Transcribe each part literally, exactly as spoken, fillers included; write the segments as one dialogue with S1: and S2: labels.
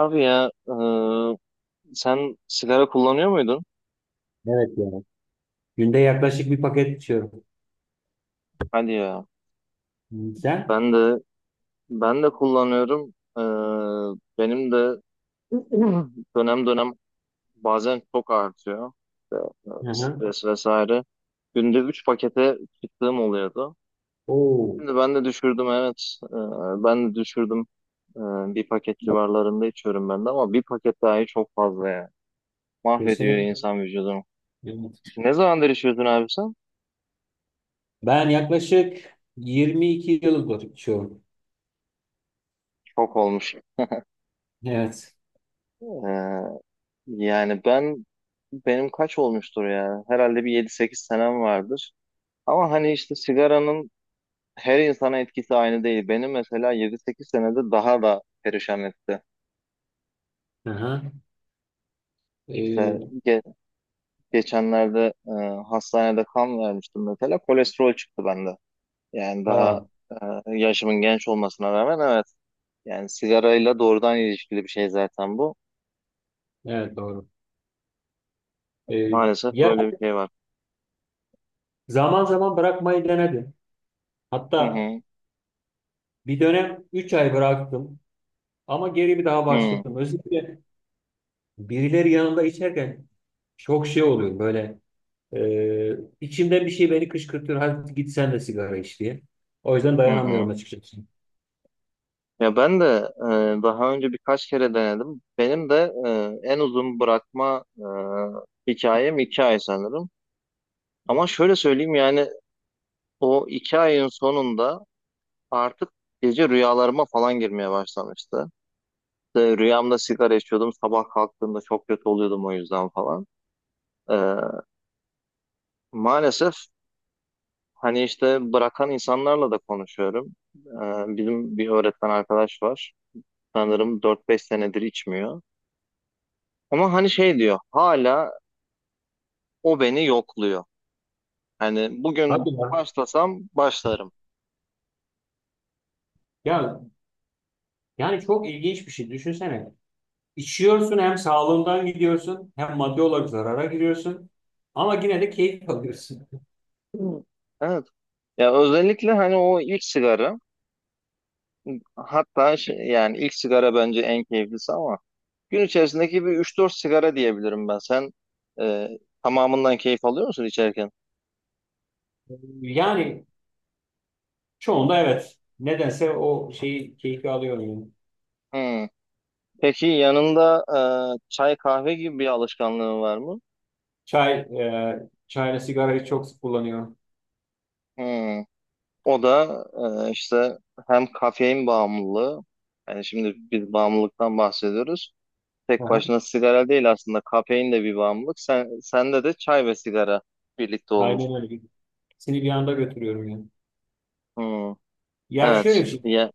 S1: Abi ya, e, sen sigara kullanıyor muydun?
S2: Evet ya. Günde yaklaşık bir paket içiyorum.
S1: Hadi ya,
S2: Sen?
S1: ben de ben de kullanıyorum. E, benim de dönem dönem bazen çok artıyor. İşte,
S2: Hı
S1: E,
S2: hı.
S1: stres vesaire. Günde üç pakete çıktığım oluyordu.
S2: Oo,
S1: Şimdi ben de düşürdüm, evet. E, ben de düşürdüm. E, Bir paket civarlarında içiyorum ben de ama bir paket dahi çok fazla ya. Mahvediyor
S2: kesinlikle.
S1: insan vücudunu.
S2: Evet.
S1: Ne zamandır içiyordun abi sen?
S2: Ben yaklaşık yirmi iki yıldır içiyorum.
S1: Çok olmuş.
S2: Evet.
S1: E, Yani ben benim kaç olmuştur ya? Herhalde bir yedi sekiz senem vardır. Ama hani işte sigaranın her insana etkisi aynı değil. Benim mesela yedi sekiz senede daha da perişan etti.
S2: Hı hı.
S1: İşte,
S2: Ee,
S1: ge- geçenlerde e, hastanede kan vermiştim mesela. Kolesterol çıktı bende. Yani daha
S2: ha,
S1: e, yaşımın genç olmasına rağmen, evet. Yani sigarayla doğrudan ilişkili bir şey zaten bu.
S2: evet, doğru. Ee,
S1: Maalesef
S2: ya
S1: böyle bir şey var.
S2: zaman zaman bırakmayı denedim.
S1: Hı
S2: Hatta
S1: hı.
S2: bir dönem üç ay bıraktım ama geri bir daha
S1: Hı
S2: başladım. Özellikle birileri yanında içerken çok şey oluyor böyle. Ee, içimden bir şey beni kışkırtıyor. Hadi git sen de sigara iç diye. O yüzden
S1: hı. Hı.
S2: dayanamıyorum açıkçası.
S1: Ya ben de e, daha önce birkaç kere denedim. Benim de e, en uzun bırakma e, hikayem iki ay sanırım. Ama şöyle söyleyeyim, yani o iki ayın sonunda artık gece rüyalarıma falan girmeye başlamıştı. İşte rüyamda sigara içiyordum, sabah kalktığımda çok kötü oluyordum o yüzden falan. E, Maalesef, hani işte, bırakan insanlarla da konuşuyorum. E, bizim bir öğretmen arkadaş var. Sanırım dört beş senedir içmiyor. Ama hani şey diyor, hala o beni yokluyor. Hani bugün
S2: Hadi ya.
S1: başlasam başlarım.
S2: Ya yani çok ilginç bir şey. Düşünsene. İçiyorsun, hem sağlığından gidiyorsun hem maddi olarak zarara giriyorsun. Ama yine de keyif alıyorsun.
S1: Hı. Evet. Ya özellikle hani o ilk sigara, hatta şey, yani ilk sigara bence en keyiflisi ama gün içerisindeki bir üç dört sigara diyebilirim ben. Sen e, tamamından keyif alıyor musun içerken?
S2: Yani çoğunda evet. Nedense o şeyi keyfi alıyorum, yani.
S1: Hmm. Peki, yanında e, çay kahve gibi bir alışkanlığın var mı?
S2: Çay, e, çayla sigarayı çok sık kullanıyorum.
S1: Hmm. O da e, işte, hem kafein bağımlılığı, yani şimdi biz bağımlılıktan bahsediyoruz. Tek
S2: Aha,
S1: başına sigara değil aslında. Kafein de bir bağımlılık. Sen, sende de çay ve sigara birlikte olmuş.
S2: aynen öyle. İkisini bir anda götürüyorum yani.
S1: Hmm.
S2: Ya şöyle
S1: Evet.
S2: bir şey.
S1: Ya,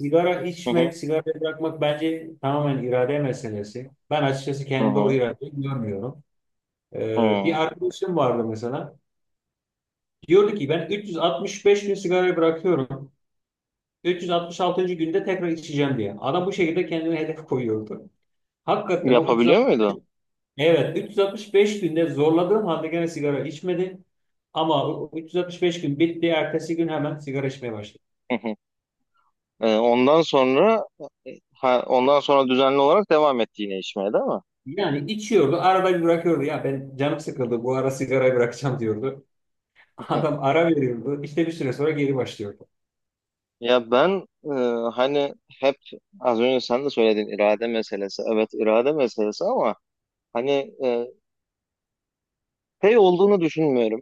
S2: Sigara
S1: hı hı,
S2: içmek, sigarayı bırakmak bence tamamen irade meselesi. Ben açıkçası
S1: hı
S2: kendi o
S1: hı,
S2: iradeyi görmüyorum. Ee,
S1: hı.
S2: bir arkadaşım vardı mesela. Diyordu ki ben üç yüz altmış beş gün sigarayı bırakıyorum. üç yüz altmış altıncı. günde tekrar içeceğim diye. Adam bu şekilde kendine hedef koyuyordu. Hakikaten o
S1: Yapabiliyor
S2: üç yüz altmış,
S1: muydu?
S2: evet üç yüz altmış beş günde zorladığım halde gene sigara içmedi. Ama o üç yüz altmış beş gün bitti. Ertesi gün hemen sigara içmeye başladı.
S1: Hı hı. Ee, ondan sonra e, ha, ondan sonra düzenli olarak devam etti yine içmeye, değil mi?
S2: Yani içiyordu, arada bir bırakıyordu. Ya, ben canım sıkıldı, bu ara sigarayı bırakacağım diyordu. Adam ara veriyordu. İşte bir süre sonra geri başlıyordu.
S1: Ya ben e, hani, hep az önce sen de söyledin, irade meselesi. Evet, irade meselesi ama hani e, şey olduğunu düşünmüyorum.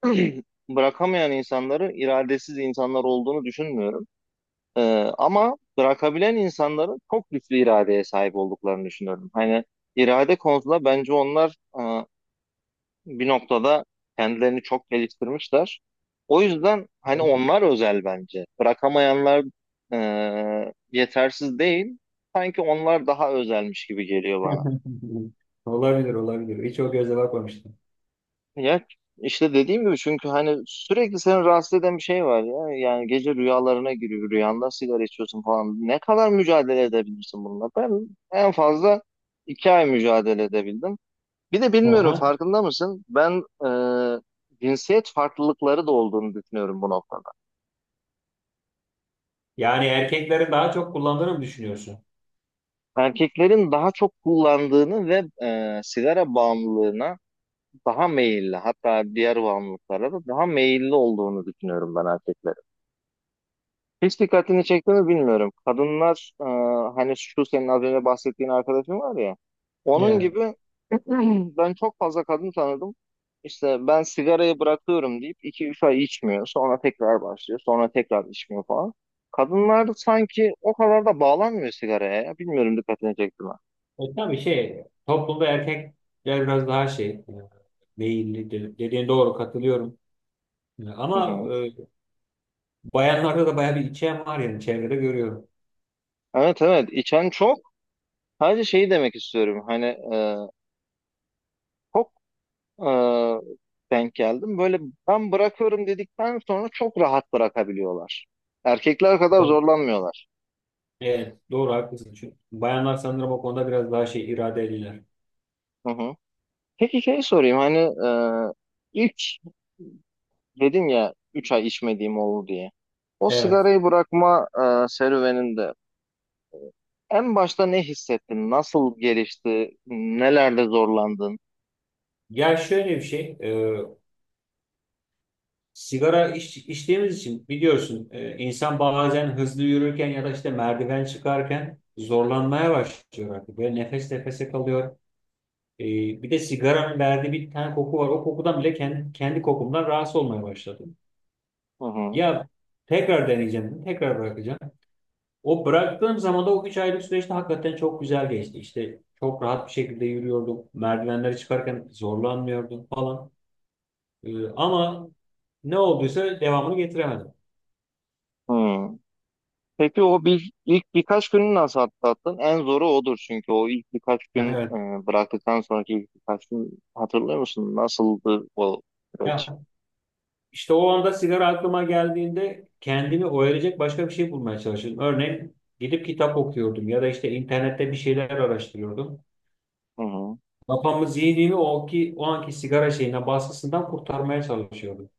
S1: Bırakamayan insanları iradesiz insanlar olduğunu düşünmüyorum. Ee, ama bırakabilen insanların çok güçlü iradeye sahip olduklarını düşünüyorum. Hani irade konusunda bence onlar e, bir noktada kendilerini çok geliştirmişler. O yüzden hani onlar özel bence. Bırakamayanlar e, yetersiz değil. Sanki onlar daha özelmiş gibi geliyor bana.
S2: Olabilir, olabilir. Hiç o gözle bakmamıştım.
S1: Ya işte dediğim gibi, çünkü hani sürekli seni rahatsız eden bir şey var ya. Yani gece rüyalarına giriyor. Rüyanda sigara içiyorsun falan. Ne kadar mücadele edebilirsin bununla? Ben en fazla iki ay mücadele edebildim. Bir de bilmiyorum,
S2: Aha.
S1: farkında mısın? Ben e, cinsiyet farklılıkları da olduğunu düşünüyorum bu noktada.
S2: Yani erkeklerin daha çok kullandığını mı düşünüyorsun?
S1: Erkeklerin daha çok kullandığını ve e, sigara bağımlılığına daha meyilli, hatta diğer bağımlılıklara da daha meyilli olduğunu düşünüyorum ben erkeklerin. Hiç dikkatini çekti mi bilmiyorum. Kadınlar, e, hani şu senin az önce bahsettiğin arkadaşın var ya. Onun
S2: Evet.
S1: gibi. Ben çok fazla kadın tanıdım. İşte ben sigarayı bırakıyorum deyip iki üç ay içmiyor. Sonra tekrar başlıyor. Sonra tekrar içmiyor falan. Kadınlar da sanki o kadar da bağlanmıyor sigaraya ya. Bilmiyorum, dikkatini çekti mi?
S2: E tabii şey, toplumda erkekler biraz daha şey, e, meyilli de- dediğin doğru, katılıyorum. E,
S1: Hı
S2: Ama
S1: hı.
S2: e, bayanlarda da bayağı bir içe var, yani çevrede görüyorum.
S1: Evet, evet, içen çok. Sadece şeyi demek istiyorum. Hani e, çok e, denk geldim. Böyle, ben bırakıyorum dedikten sonra çok rahat bırakabiliyorlar. Erkekler kadar
S2: Doğru.
S1: zorlanmıyorlar.
S2: Evet, doğru, haklısın. Çünkü bayanlar sanırım o konuda biraz daha şey, iradeliler.
S1: Hı hı. Peki şey sorayım, hani e, ilk dedin ya, üç ay içmediğim oldu diye. O
S2: Evet.
S1: sigarayı bırakma e, serüveninde en başta ne hissettin? Nasıl gelişti? Nelerde zorlandın?
S2: Ya şöyle bir şey. E, Sigara iç, içtiğimiz için biliyorsun. E, insan bazen hızlı yürürken ya da işte merdiven çıkarken zorlanmaya başlıyor artık. Böyle nefes nefese kalıyor. E, bir de sigaranın verdiği bir tane koku var. O kokudan bile kendi, kendi kokumdan rahatsız olmaya başladım.
S1: Hı hı.
S2: Ya tekrar deneyeceğim, tekrar bırakacağım. O bıraktığım zaman da o üç aylık süreçte hakikaten çok güzel geçti. İşte çok rahat bir şekilde yürüyordum. Merdivenleri çıkarken zorlanmıyordum falan. E, ama ne olduysa devamını getiremedim.
S1: Hı. Peki o bir, ilk birkaç günü nasıl atlattın? En zoru odur, çünkü o ilk birkaç gün,
S2: Evet.
S1: e, bıraktıktan sonraki ilk birkaç gün, hatırlıyor musun? Nasıldı o süreç?
S2: Ya. İşte o anda sigara aklıma geldiğinde kendimi oyalayacak başka bir şey bulmaya çalışırdım. Örneğin gidip kitap okuyordum ya da işte internette bir şeyler araştırıyordum.
S1: Hı hı.
S2: Kafamı, zihnimi o ki o anki sigara şeyine baskısından kurtarmaya çalışıyordum.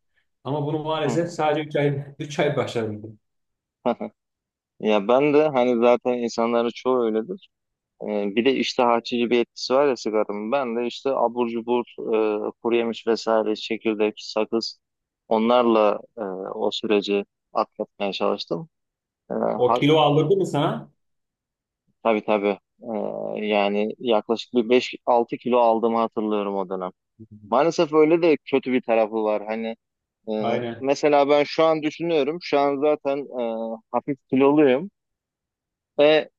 S2: Ama bunu maalesef
S1: Hı.
S2: sadece üç ay üç ay başaramadım.
S1: Ya ben de, hani zaten insanların çoğu öyledir. E, Bir de işte, açıcı bir etkisi var ya sigaranın. Ben de işte abur cubur, e, kuru yemiş vesaire, çekirdek, sakız, onlarla e, o süreci atlatmaya çalıştım. E,
S2: O
S1: ha-
S2: kilo aldırdı mı sana?
S1: Tabii, tabii. Ee, yani yaklaşık bir beş altı kilo aldığımı hatırlıyorum o dönem. Maalesef öyle de kötü bir tarafı var. Hani e,
S2: Aynen.
S1: mesela ben şu an düşünüyorum. Şu an zaten e, hafif kiloluyum. Ve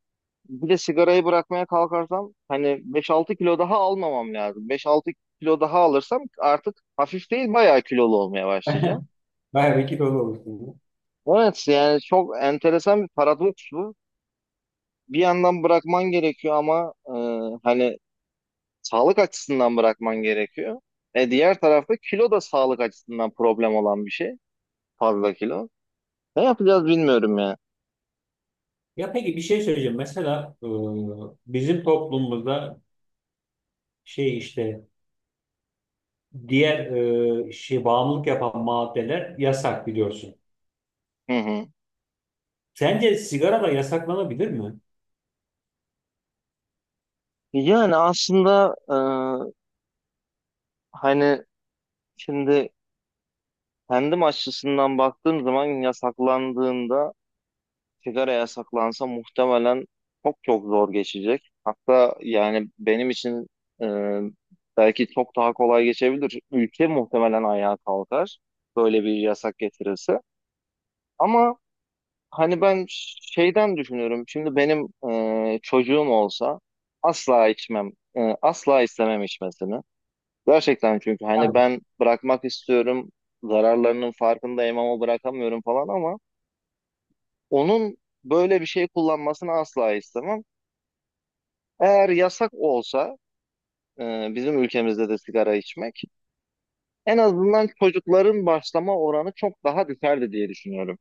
S1: bir de sigarayı bırakmaya kalkarsam, hani beş altı kilo daha almamam lazım. Beş altı kilo daha alırsam artık hafif değil, bayağı kilolu olmaya başlayacağım.
S2: Bayağı bir kilolu olursun.
S1: Evet, yani çok enteresan bir paradoks bu. Bir yandan bırakman gerekiyor ama e, hani sağlık açısından bırakman gerekiyor. E diğer tarafta kilo da sağlık açısından problem olan bir şey. Fazla kilo. Ne yapacağız bilmiyorum ya.
S2: Ya peki bir şey söyleyeceğim. Mesela e, bizim toplumumuzda şey, işte diğer e, şey bağımlılık yapan maddeler yasak, biliyorsun.
S1: Hı hı.
S2: Sence sigara da yasaklanabilir mi?
S1: Yani aslında e, hani şimdi kendim açısından baktığım zaman, yasaklandığında, sigara yasaklansa muhtemelen çok çok zor geçecek. Hatta yani benim için e, belki çok daha kolay geçebilir. Ülke muhtemelen ayağa kalkar böyle bir yasak getirirse. Ama hani ben şeyden düşünüyorum. Şimdi benim e, çocuğum olsa asla içmem. E, asla istemem içmesini. Gerçekten, çünkü hani
S2: Tabii.
S1: ben bırakmak istiyorum. Zararlarının farkındayım ama bırakamıyorum falan, ama onun böyle bir şey kullanmasını asla istemem. Eğer yasak olsa e, bizim ülkemizde de sigara içmek, en azından çocukların başlama oranı çok daha düşerdi diye düşünüyorum.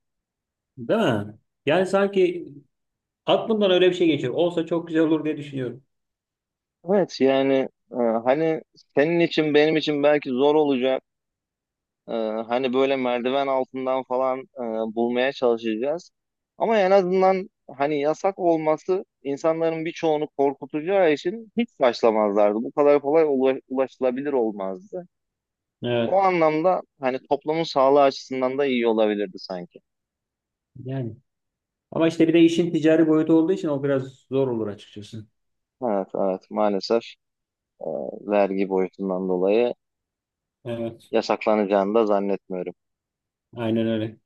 S2: Değil mi? Yani sanki aklımdan öyle bir şey geçiyor. Olsa çok güzel olur diye düşünüyorum.
S1: Evet, yani e, hani senin için, benim için belki zor olacak. Ee, Hani böyle merdiven altından falan e, bulmaya çalışacağız. Ama en azından hani yasak olması insanların birçoğunu korkutacağı için hiç başlamazlardı. Bu kadar kolay ula- ulaşılabilir olmazdı. O
S2: Evet.
S1: anlamda hani toplumun sağlığı açısından da iyi olabilirdi sanki.
S2: Yani. Ama işte bir de işin ticari boyutu olduğu için o biraz zor olur açıkçası.
S1: Evet, evet, maalesef e, vergi boyutundan dolayı
S2: Evet.
S1: yasaklanacağını da zannetmiyorum.
S2: Aynen öyle.